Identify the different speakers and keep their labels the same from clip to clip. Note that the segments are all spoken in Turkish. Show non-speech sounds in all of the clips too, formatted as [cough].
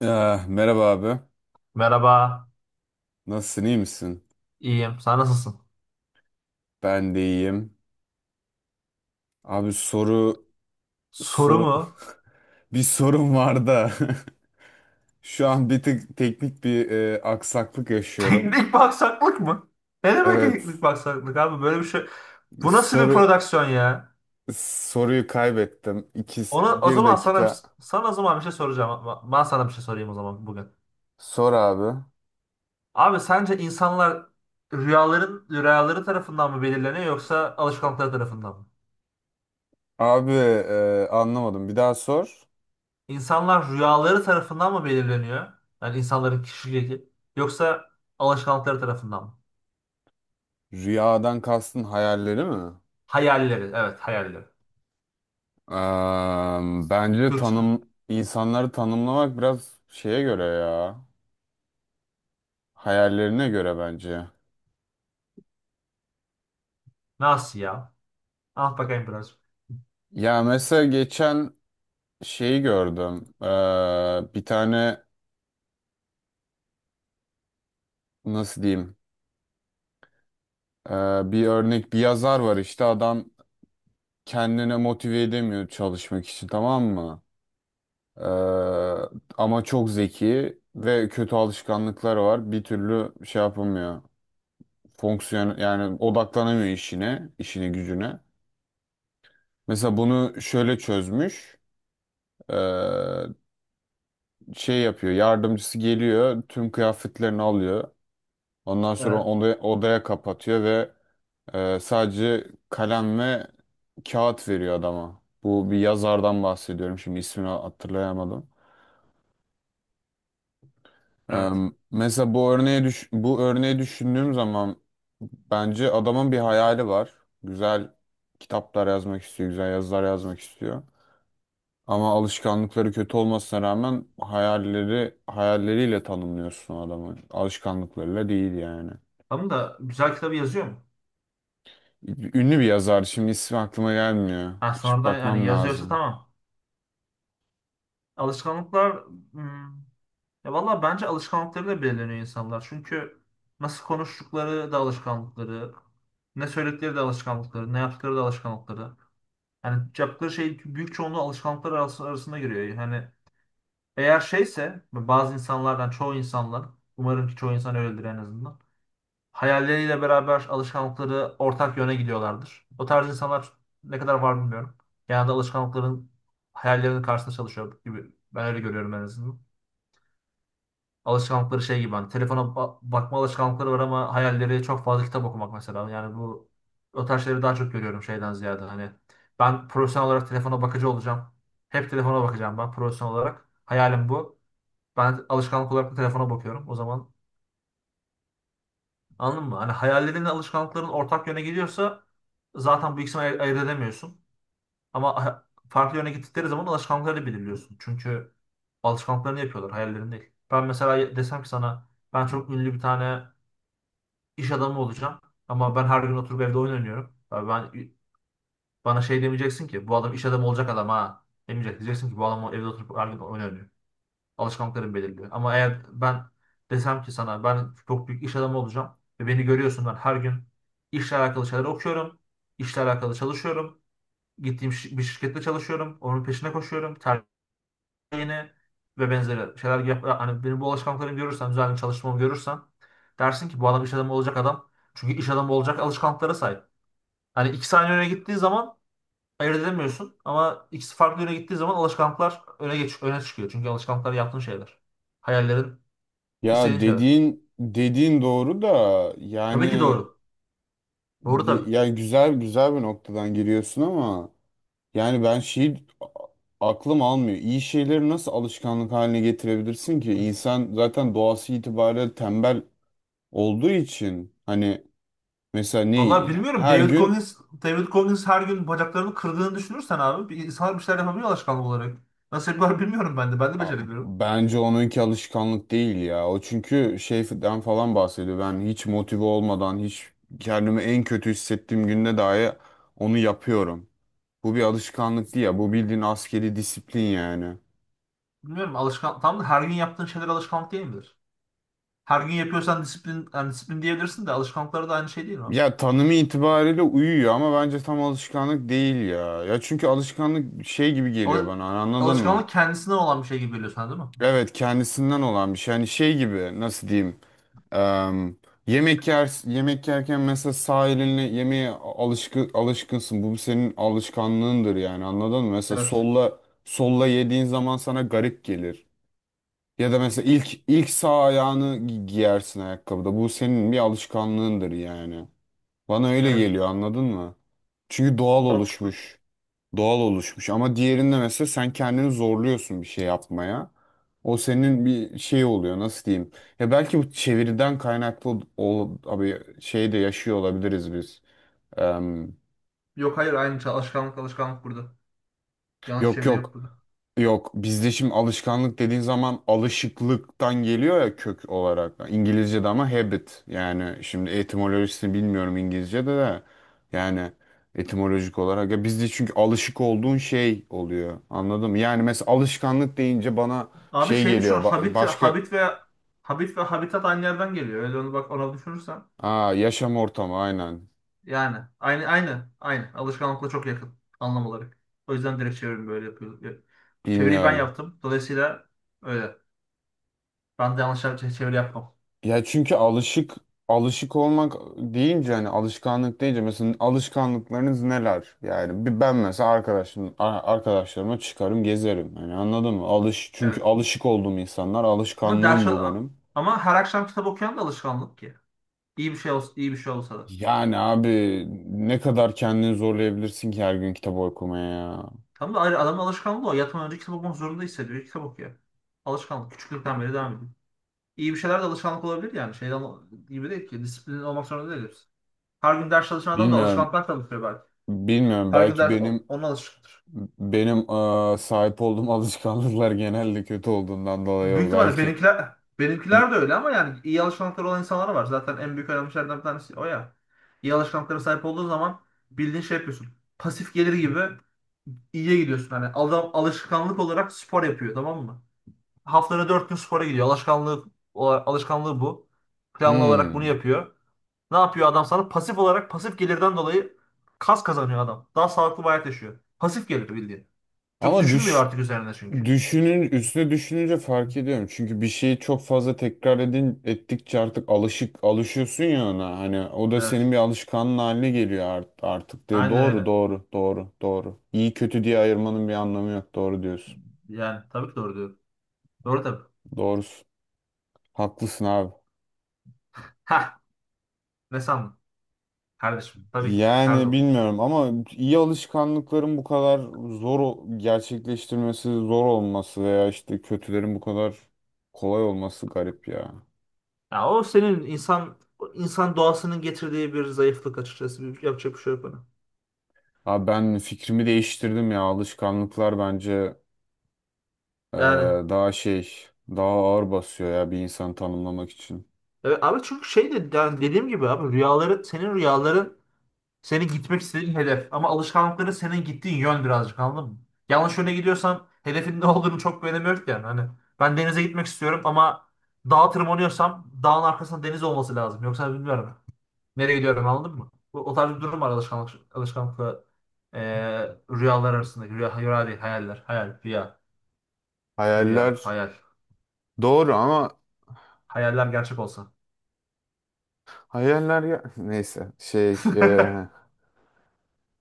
Speaker 1: Ah, merhaba abi.
Speaker 2: Merhaba,
Speaker 1: Nasılsın, iyi misin?
Speaker 2: iyiyim. Sen nasılsın?
Speaker 1: Ben de iyiyim. Abi, soru
Speaker 2: Soru
Speaker 1: soru
Speaker 2: mu?
Speaker 1: [laughs] bir sorun var da, [laughs] şu an bir tık teknik bir aksaklık
Speaker 2: [laughs]
Speaker 1: yaşıyorum.
Speaker 2: Teknik baksaklık mı? Ne demek teknik
Speaker 1: Evet.
Speaker 2: baksaklık abi? Böyle bir şey. Bu nasıl bir
Speaker 1: Soru
Speaker 2: prodüksiyon ya?
Speaker 1: soruyu kaybettim. İki,
Speaker 2: Onu o
Speaker 1: bir
Speaker 2: zaman sana
Speaker 1: dakika.
Speaker 2: sana o zaman bir şey soracağım. Ben sana bir şey sorayım o zaman bugün.
Speaker 1: Sor abi.
Speaker 2: Abi sence insanlar rüyaları tarafından mı belirleniyor yoksa alışkanlıkları tarafından mı?
Speaker 1: Abi, anlamadım. Bir daha sor.
Speaker 2: İnsanlar rüyaları tarafından mı belirleniyor? Yani insanların kişiliği yoksa alışkanlıkları tarafından mı?
Speaker 1: Rüyadan kastın hayalleri mi?
Speaker 2: Hayalleri, evet hayalleri.
Speaker 1: Bence
Speaker 2: Türkçe.
Speaker 1: insanları tanımlamak biraz şeye göre ya. Hayallerine göre bence.
Speaker 2: Nasıl ya? Ah bakayım biraz.
Speaker 1: Ya mesela geçen şeyi gördüm. Bir tane, nasıl diyeyim? Ee, bir örnek, bir yazar var işte. Adam kendine motive edemiyor çalışmak için, tamam mı? Ee, ama çok zeki ve kötü alışkanlıkları var. Bir türlü şey yapamıyor. Fonksiyon, yani odaklanamıyor işine gücüne. Mesela bunu şöyle çözmüş. Ee, şey yapıyor. Yardımcısı geliyor, tüm kıyafetlerini alıyor. Ondan sonra
Speaker 2: Evet.
Speaker 1: onu odaya kapatıyor ve sadece kalem ve kağıt veriyor adama. Bu bir yazardan bahsediyorum, şimdi ismini hatırlayamadım. E,
Speaker 2: Evet.
Speaker 1: mesela bu örneği bu örneği düşündüğüm zaman, bence adamın bir hayali var. Güzel kitaplar yazmak istiyor, güzel yazılar yazmak istiyor. Ama alışkanlıkları kötü olmasına rağmen, hayalleriyle tanımlıyorsun adamı. Alışkanlıklarıyla değil yani.
Speaker 2: Tamam da güzel kitabı yazıyor mu?
Speaker 1: Ünlü bir yazar. Şimdi ismi aklıma gelmiyor.
Speaker 2: Ha
Speaker 1: Açıp
Speaker 2: sonradan yani
Speaker 1: bakmam
Speaker 2: yazıyorsa
Speaker 1: lazım.
Speaker 2: tamam. Alışkanlıklar, hmm, ya valla bence alışkanlıkları da belirleniyor insanlar. Çünkü nasıl konuştukları da alışkanlıkları, ne söyledikleri de alışkanlıkları, ne yaptıkları da alışkanlıkları. Yani yaptıkları şey büyük çoğunluğu alışkanlıklar arasında giriyor. Yani eğer şeyse bazı insanlardan çoğu insanlar umarım ki çoğu insan öyledir en azından, hayalleriyle beraber alışkanlıkları ortak yöne gidiyorlardır. O tarz insanlar ne kadar var bilmiyorum. Genelde alışkanlıkların hayallerinin karşısında çalışıyor gibi. Ben öyle görüyorum en azından. Alışkanlıkları şey gibi, hani telefona bakma alışkanlıkları var ama hayalleri çok fazla kitap okumak mesela. Yani bu o tarz şeyleri daha çok görüyorum şeyden ziyade, hani ben profesyonel olarak telefona bakıcı olacağım. Hep telefona bakacağım ben profesyonel olarak. Hayalim bu. Ben alışkanlık olarak da telefona bakıyorum. O zaman anladın mı? Hani hayallerinle alışkanlıkların ortak yöne gidiyorsa zaten bu ikisini ayırt edemiyorsun. Ama farklı yöne gittikleri zaman alışkanlıkları belirliyorsun. Çünkü alışkanlıklarını yapıyorlar, hayallerini değil. Ben mesela desem ki sana ben çok ünlü bir tane iş adamı olacağım, ama ben her gün oturup evde oyun oynuyorum. Ya ben, bana şey demeyeceksin ki bu adam iş adamı olacak adam, ha demeyecek. Diyeceksin ki bu adam evde oturup her gün oyun oynuyor. Alışkanlıklarım belirliyor. Ama eğer ben desem ki sana ben çok büyük iş adamı olacağım ve beni görüyorsun ben her gün işle alakalı şeyler okuyorum, işle alakalı çalışıyorum. Bir şirkette çalışıyorum. Onun peşine koşuyorum. Tercihini ve benzeri şeyler yap. Hani benim bu alışkanlıklarımı görürsen, düzenli çalışmamı görürsen dersin ki bu adam iş adamı olacak adam. Çünkü iş adamı olacak alışkanlıklara sahip. Hani iki saniye öne gittiği zaman ayırt edemiyorsun ama ikisi farklı yöne gittiği zaman alışkanlıklar öne çıkıyor. Çünkü alışkanlıklar yaptığın şeyler. Hayallerin, İstediğin
Speaker 1: Ya,
Speaker 2: şeyler.
Speaker 1: dediğin doğru da,
Speaker 2: Tabii ki
Speaker 1: yani
Speaker 2: doğru. Doğru
Speaker 1: ge-
Speaker 2: tabii.
Speaker 1: yani güzel güzel bir noktadan giriyorsun ama, yani ben, aklım almıyor. İyi şeyleri nasıl alışkanlık haline getirebilirsin ki? İnsan zaten doğası itibariyle tembel olduğu için, hani mesela
Speaker 2: Vallahi
Speaker 1: neyi
Speaker 2: bilmiyorum.
Speaker 1: her
Speaker 2: David
Speaker 1: gün?
Speaker 2: Goggins, David Goggins her gün bacaklarını kırdığını düşünürsen abi, bir insanlar bir şeyler yapabiliyor alışkanlık olarak. Nasıl yapıyorlar bilmiyorum ben de. Ben de
Speaker 1: A-
Speaker 2: beceremiyorum.
Speaker 1: Bence onunki alışkanlık değil ya. O çünkü şeyden falan bahsediyor. Ben hiç motive olmadan, hiç kendimi en kötü hissettiğim günde dahi onu yapıyorum. Bu bir alışkanlık değil ya. Bu bildiğin askeri disiplin yani.
Speaker 2: Bilmiyorum, alışkan tam da her gün yaptığın şeyler alışkanlık değil midir? Her gün yapıyorsan disiplin, yani disiplin diyebilirsin de alışkanlıkları da aynı şey değil mi abi?
Speaker 1: Ya tanımı itibariyle uyuyor, ama bence tam alışkanlık değil ya. Ya çünkü alışkanlık şey gibi geliyor
Speaker 2: Al-
Speaker 1: bana. Anladın mı?
Speaker 2: Alışkanlık kendisine olan bir şey gibi geliyor sana değil mi?
Speaker 1: Evet, kendisinden olan bir şey. Hani şey gibi, nasıl diyeyim? Em, yemek yerken mesela sağ elinle yemeğe alışkınsın. Bu senin alışkanlığındır yani, anladın mı? Mesela
Speaker 2: Evet.
Speaker 1: solla yediğin zaman sana garip gelir. Ya da mesela ilk sağ ayağını giyersin ayakkabıda. Bu senin bir alışkanlığındır yani. Bana öyle
Speaker 2: Evet.
Speaker 1: geliyor, anladın mı? Çünkü doğal
Speaker 2: Mantıklı.
Speaker 1: oluşmuş. Doğal oluşmuş, ama diğerinde mesela sen kendini zorluyorsun bir şey yapmaya. O senin bir şey oluyor, nasıl diyeyim. Ya belki bu çeviriden kaynaklı abi, şey de yaşıyor olabiliriz biz. Em,
Speaker 2: Yok hayır, aynı şey. Alışkanlık, alışkanlık burada. Yanlış
Speaker 1: yok
Speaker 2: çeviri
Speaker 1: yok.
Speaker 2: yok burada.
Speaker 1: Yok, bizde şimdi alışkanlık dediğin zaman alışıklıktan geliyor ya, kök olarak. İngilizce'de ama habit, yani şimdi etimolojisini bilmiyorum İngilizce'de de, yani etimolojik olarak ya, bizde çünkü alışık olduğun şey oluyor, anladın mı? Yani mesela alışkanlık deyince bana
Speaker 2: Abi
Speaker 1: şey
Speaker 2: şey düşün,
Speaker 1: geliyor,
Speaker 2: Habit
Speaker 1: başka.
Speaker 2: Habit ve Habit ve Habitat aynı yerden geliyor. Öyle onu, bak ona düşünürsen.
Speaker 1: Yaşam ortamı, aynen.
Speaker 2: Yani aynı alışkanlıkla çok yakın anlam olarak. O yüzden direkt çevirimi böyle yapıyorum. Çeviriyi ben
Speaker 1: Bilmiyorum.
Speaker 2: yaptım. Dolayısıyla öyle. Ben de yanlış çeviri yapmam.
Speaker 1: Ya çünkü alışık olmak deyince, hani alışkanlık deyince, mesela alışkanlıklarınız neler? Yani bir ben mesela, arkadaşlarıma çıkarım, gezerim. Hani anladın mı? Çünkü
Speaker 2: Evet.
Speaker 1: alışık olduğum insanlar,
Speaker 2: Ama ders,
Speaker 1: alışkanlığım bu benim.
Speaker 2: ama her akşam kitap okuyan da alışkanlık ki. İyi bir şey olsa da.
Speaker 1: Yani abi, ne kadar kendini zorlayabilirsin ki her gün kitap okumaya ya.
Speaker 2: Tam da ayrı adamın alışkanlığı o. Yatmadan önce kitap okumak zorunda hissediyor. Kitap okuyor. Alışkanlık. Küçüklükten beri devam ediyor. İyi bir şeyler de alışkanlık olabilir yani. Şeyden gibi değil ki, disiplin olmak zorunda değil hepsi. Her gün ders çalışan adam da
Speaker 1: Bilmiyorum.
Speaker 2: alışkanlıklar çalışıyor belki.
Speaker 1: Bilmiyorum,
Speaker 2: Her gün
Speaker 1: belki
Speaker 2: ders
Speaker 1: benim
Speaker 2: onun alışıktır.
Speaker 1: benim eee, sahip olduğum [laughs] alışkanlıklar genelde kötü olduğundan dolayı
Speaker 2: Büyük
Speaker 1: o
Speaker 2: ihtimalle
Speaker 1: belki.
Speaker 2: benimkiler de öyle, ama yani iyi alışkanlıkları olan insanlar var. Zaten en büyük önemli şeylerden bir tanesi o ya. İyi alışkanlıklara sahip olduğun zaman bildiğin şey yapıyorsun. Pasif gelir gibi iyiye gidiyorsun. Hani adam alışkanlık olarak spor yapıyor, tamam mı? Haftada dört gün spora gidiyor. Alışkanlığı bu. Planlı olarak bunu
Speaker 1: Hmm.
Speaker 2: yapıyor. Ne yapıyor adam sana? Pasif olarak, pasif gelirden dolayı kas kazanıyor adam. Daha sağlıklı bir hayat yaşıyor. Pasif gelir bildiğin. Çok
Speaker 1: Ama
Speaker 2: düşünmüyor
Speaker 1: düş
Speaker 2: artık üzerine çünkü.
Speaker 1: Düşünün, üstüne düşününce fark ediyorum. Çünkü bir şeyi çok fazla tekrar ettikçe artık alışıyorsun ya ona. Hani o da
Speaker 2: Evet.
Speaker 1: senin bir alışkanlığın haline geliyor artık diye.
Speaker 2: Aynen
Speaker 1: Doğru,
Speaker 2: öyle.
Speaker 1: doğru, doğru, doğru. İyi kötü diye ayırmanın bir anlamı yok. Doğru diyorsun.
Speaker 2: Yani tabii ki doğru diyor. Doğru tabii.
Speaker 1: Doğrusun. Haklısın abi.
Speaker 2: Ha, ne sandın? Kardeşim tabii ki. Her
Speaker 1: Yani
Speaker 2: zaman.
Speaker 1: bilmiyorum, ama iyi alışkanlıkların bu kadar zor gerçekleştirmesi, zor olması, veya işte kötülerin bu kadar kolay olması garip ya.
Speaker 2: Ya o senin o insan doğasının getirdiği bir zayıflık açıkçası. Bir, yapacak bir şey yok ona.
Speaker 1: Abi, ben fikrimi değiştirdim ya. Alışkanlıklar bence, e,
Speaker 2: Yani
Speaker 1: daha şey, daha ağır basıyor ya, bir insanı tanımlamak için.
Speaker 2: evet, abi çünkü şey de, yani dediğim gibi abi, rüyaların senin gitmek istediğin hedef. Ama alışkanlıkları senin gittiğin yön birazcık, anladın mı? Yanlış yöne gidiyorsan hedefin ne olduğunu çok bir önemi yok yani. Hani ben denize gitmek istiyorum ama dağa tırmanıyorsam dağın arkasında deniz olması lazım. Yoksa bilmiyorum. Nereye gidiyorum, anladın mı? Bu, o tarz bir durum var alışkanlıkla rüyalar arasında. Rüya, rüya değil hayaller. Hayal, rüya, rüya,
Speaker 1: Hayaller
Speaker 2: hayal.
Speaker 1: doğru, ama
Speaker 2: Hayaller gerçek olsa.
Speaker 1: hayaller ya, [laughs] neyse, şey,
Speaker 2: [laughs]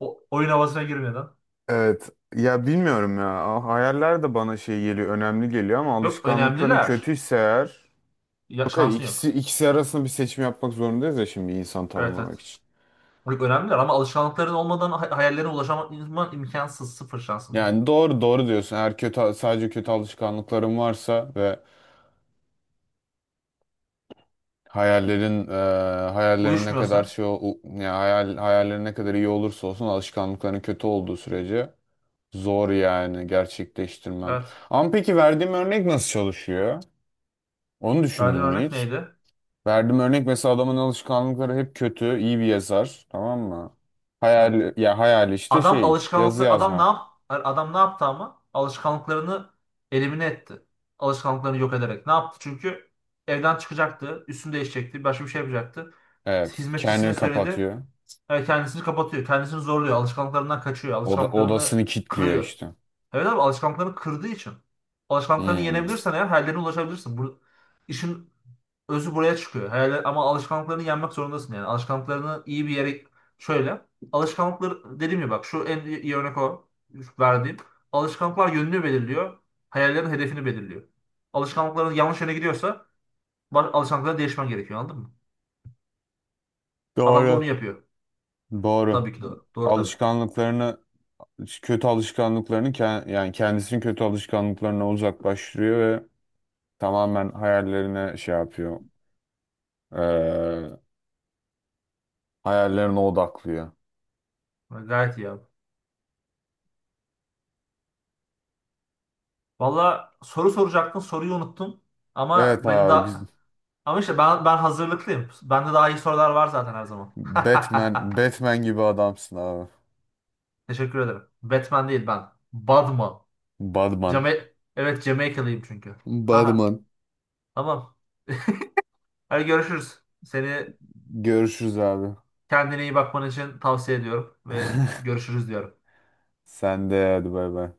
Speaker 2: O, oyun havasına girmeden.
Speaker 1: evet. Ya bilmiyorum ya. Hayaller de bana şey geliyor, önemli geliyor, ama
Speaker 2: Yok,
Speaker 1: alışkanlıkların
Speaker 2: önemliler.
Speaker 1: kötüyse eğer.
Speaker 2: Ya,
Speaker 1: Yok, hayır,
Speaker 2: şansın
Speaker 1: ikisi
Speaker 2: yok.
Speaker 1: ikisi arasında bir seçim yapmak zorundayız ya şimdi, insan
Speaker 2: Evet,
Speaker 1: tanımlamak
Speaker 2: evet.
Speaker 1: için.
Speaker 2: Çok önemliler ama alışkanlıkların olmadan hayallerine ulaşman imkansız. Sıfır şansın.
Speaker 1: Yani doğru, doğru diyorsun. Eğer sadece kötü alışkanlıkların varsa ve hayallerin, hayallerin ne kadar
Speaker 2: Uyuşmuyorsa.
Speaker 1: şey ol- u- ya hayal hayallerin ne kadar iyi olursa olsun, alışkanlıkların kötü olduğu sürece zor yani gerçekleştirmen.
Speaker 2: Evet.
Speaker 1: Ama peki verdiğim örnek nasıl çalışıyor? Onu düşündün
Speaker 2: Verdiğin
Speaker 1: mü
Speaker 2: örnek
Speaker 1: hiç?
Speaker 2: neydi?
Speaker 1: Verdiğim örnek, mesela adamın alışkanlıkları hep kötü, iyi bir yazar, tamam mı?
Speaker 2: Evet.
Speaker 1: Hayal ya, hayal işte,
Speaker 2: Adam
Speaker 1: şey, yazı
Speaker 2: alışkanlıklı adam ne
Speaker 1: yazmak.
Speaker 2: yap Adam ne yaptı? Ama alışkanlıklarını elimine etti. Alışkanlıklarını yok ederek. Ne yaptı? Çünkü evden çıkacaktı, üstünü değişecekti, başka bir şey yapacaktı.
Speaker 1: Evet, kendini
Speaker 2: Hizmetçisine söyledi.
Speaker 1: kapatıyor.
Speaker 2: E, kendisini kapatıyor, kendisini zorluyor, alışkanlıklarından kaçıyor,
Speaker 1: Oda,
Speaker 2: alışkanlıklarını
Speaker 1: odasını kilitliyor
Speaker 2: kırıyor.
Speaker 1: işte.
Speaker 2: Evet abi, alışkanlıklarını kırdığı için. Alışkanlıklarını
Speaker 1: Hmm.
Speaker 2: yenebilirsen eğer hayallerine ulaşabilirsin. Bu, işin özü buraya çıkıyor. Hayaller, ama alışkanlıklarını yenmek zorundasın yani. Alışkanlıklarını iyi bir yere, şöyle. Alışkanlıklar, dediğim gibi bak, şu en iyi örnek o verdiğim. Alışkanlıklar yönünü belirliyor. Hayallerin hedefini belirliyor. Alışkanlıkların yanlış yöne gidiyorsa alışkanlıkları değişmen gerekiyor anladın mı? Adam da
Speaker 1: Doğru.
Speaker 2: onu yapıyor.
Speaker 1: Doğru.
Speaker 2: Tabii ki doğru. Doğru tabii.
Speaker 1: Alışkanlıklarını kötü alışkanlıklarını yani kendisini kötü alışkanlıklarına uzaklaştırıyor ve tamamen hayallerine şey yapıyor. Ee, hayallerine odaklıyor.
Speaker 2: Gayet iyi abi. Valla soru soracaktın, soruyu unuttum.
Speaker 1: Evet
Speaker 2: Ama benim
Speaker 1: abi.
Speaker 2: daha, ama işte ben hazırlıklıyım. Bende daha iyi sorular var zaten her zaman.
Speaker 1: Batman,
Speaker 2: [laughs]
Speaker 1: Batman gibi adamsın abi.
Speaker 2: Teşekkür ederim. Batman değil ben. Batman.
Speaker 1: Batman.
Speaker 2: Jama evet, Jamaikalıyım çünkü. [laughs] Haha.
Speaker 1: Batman.
Speaker 2: Tamam. Hadi görüşürüz. Seni
Speaker 1: Görüşürüz abi.
Speaker 2: kendine iyi bakman için tavsiye ediyorum ve görüşürüz diyorum.
Speaker 1: Sen de hadi, bay bay.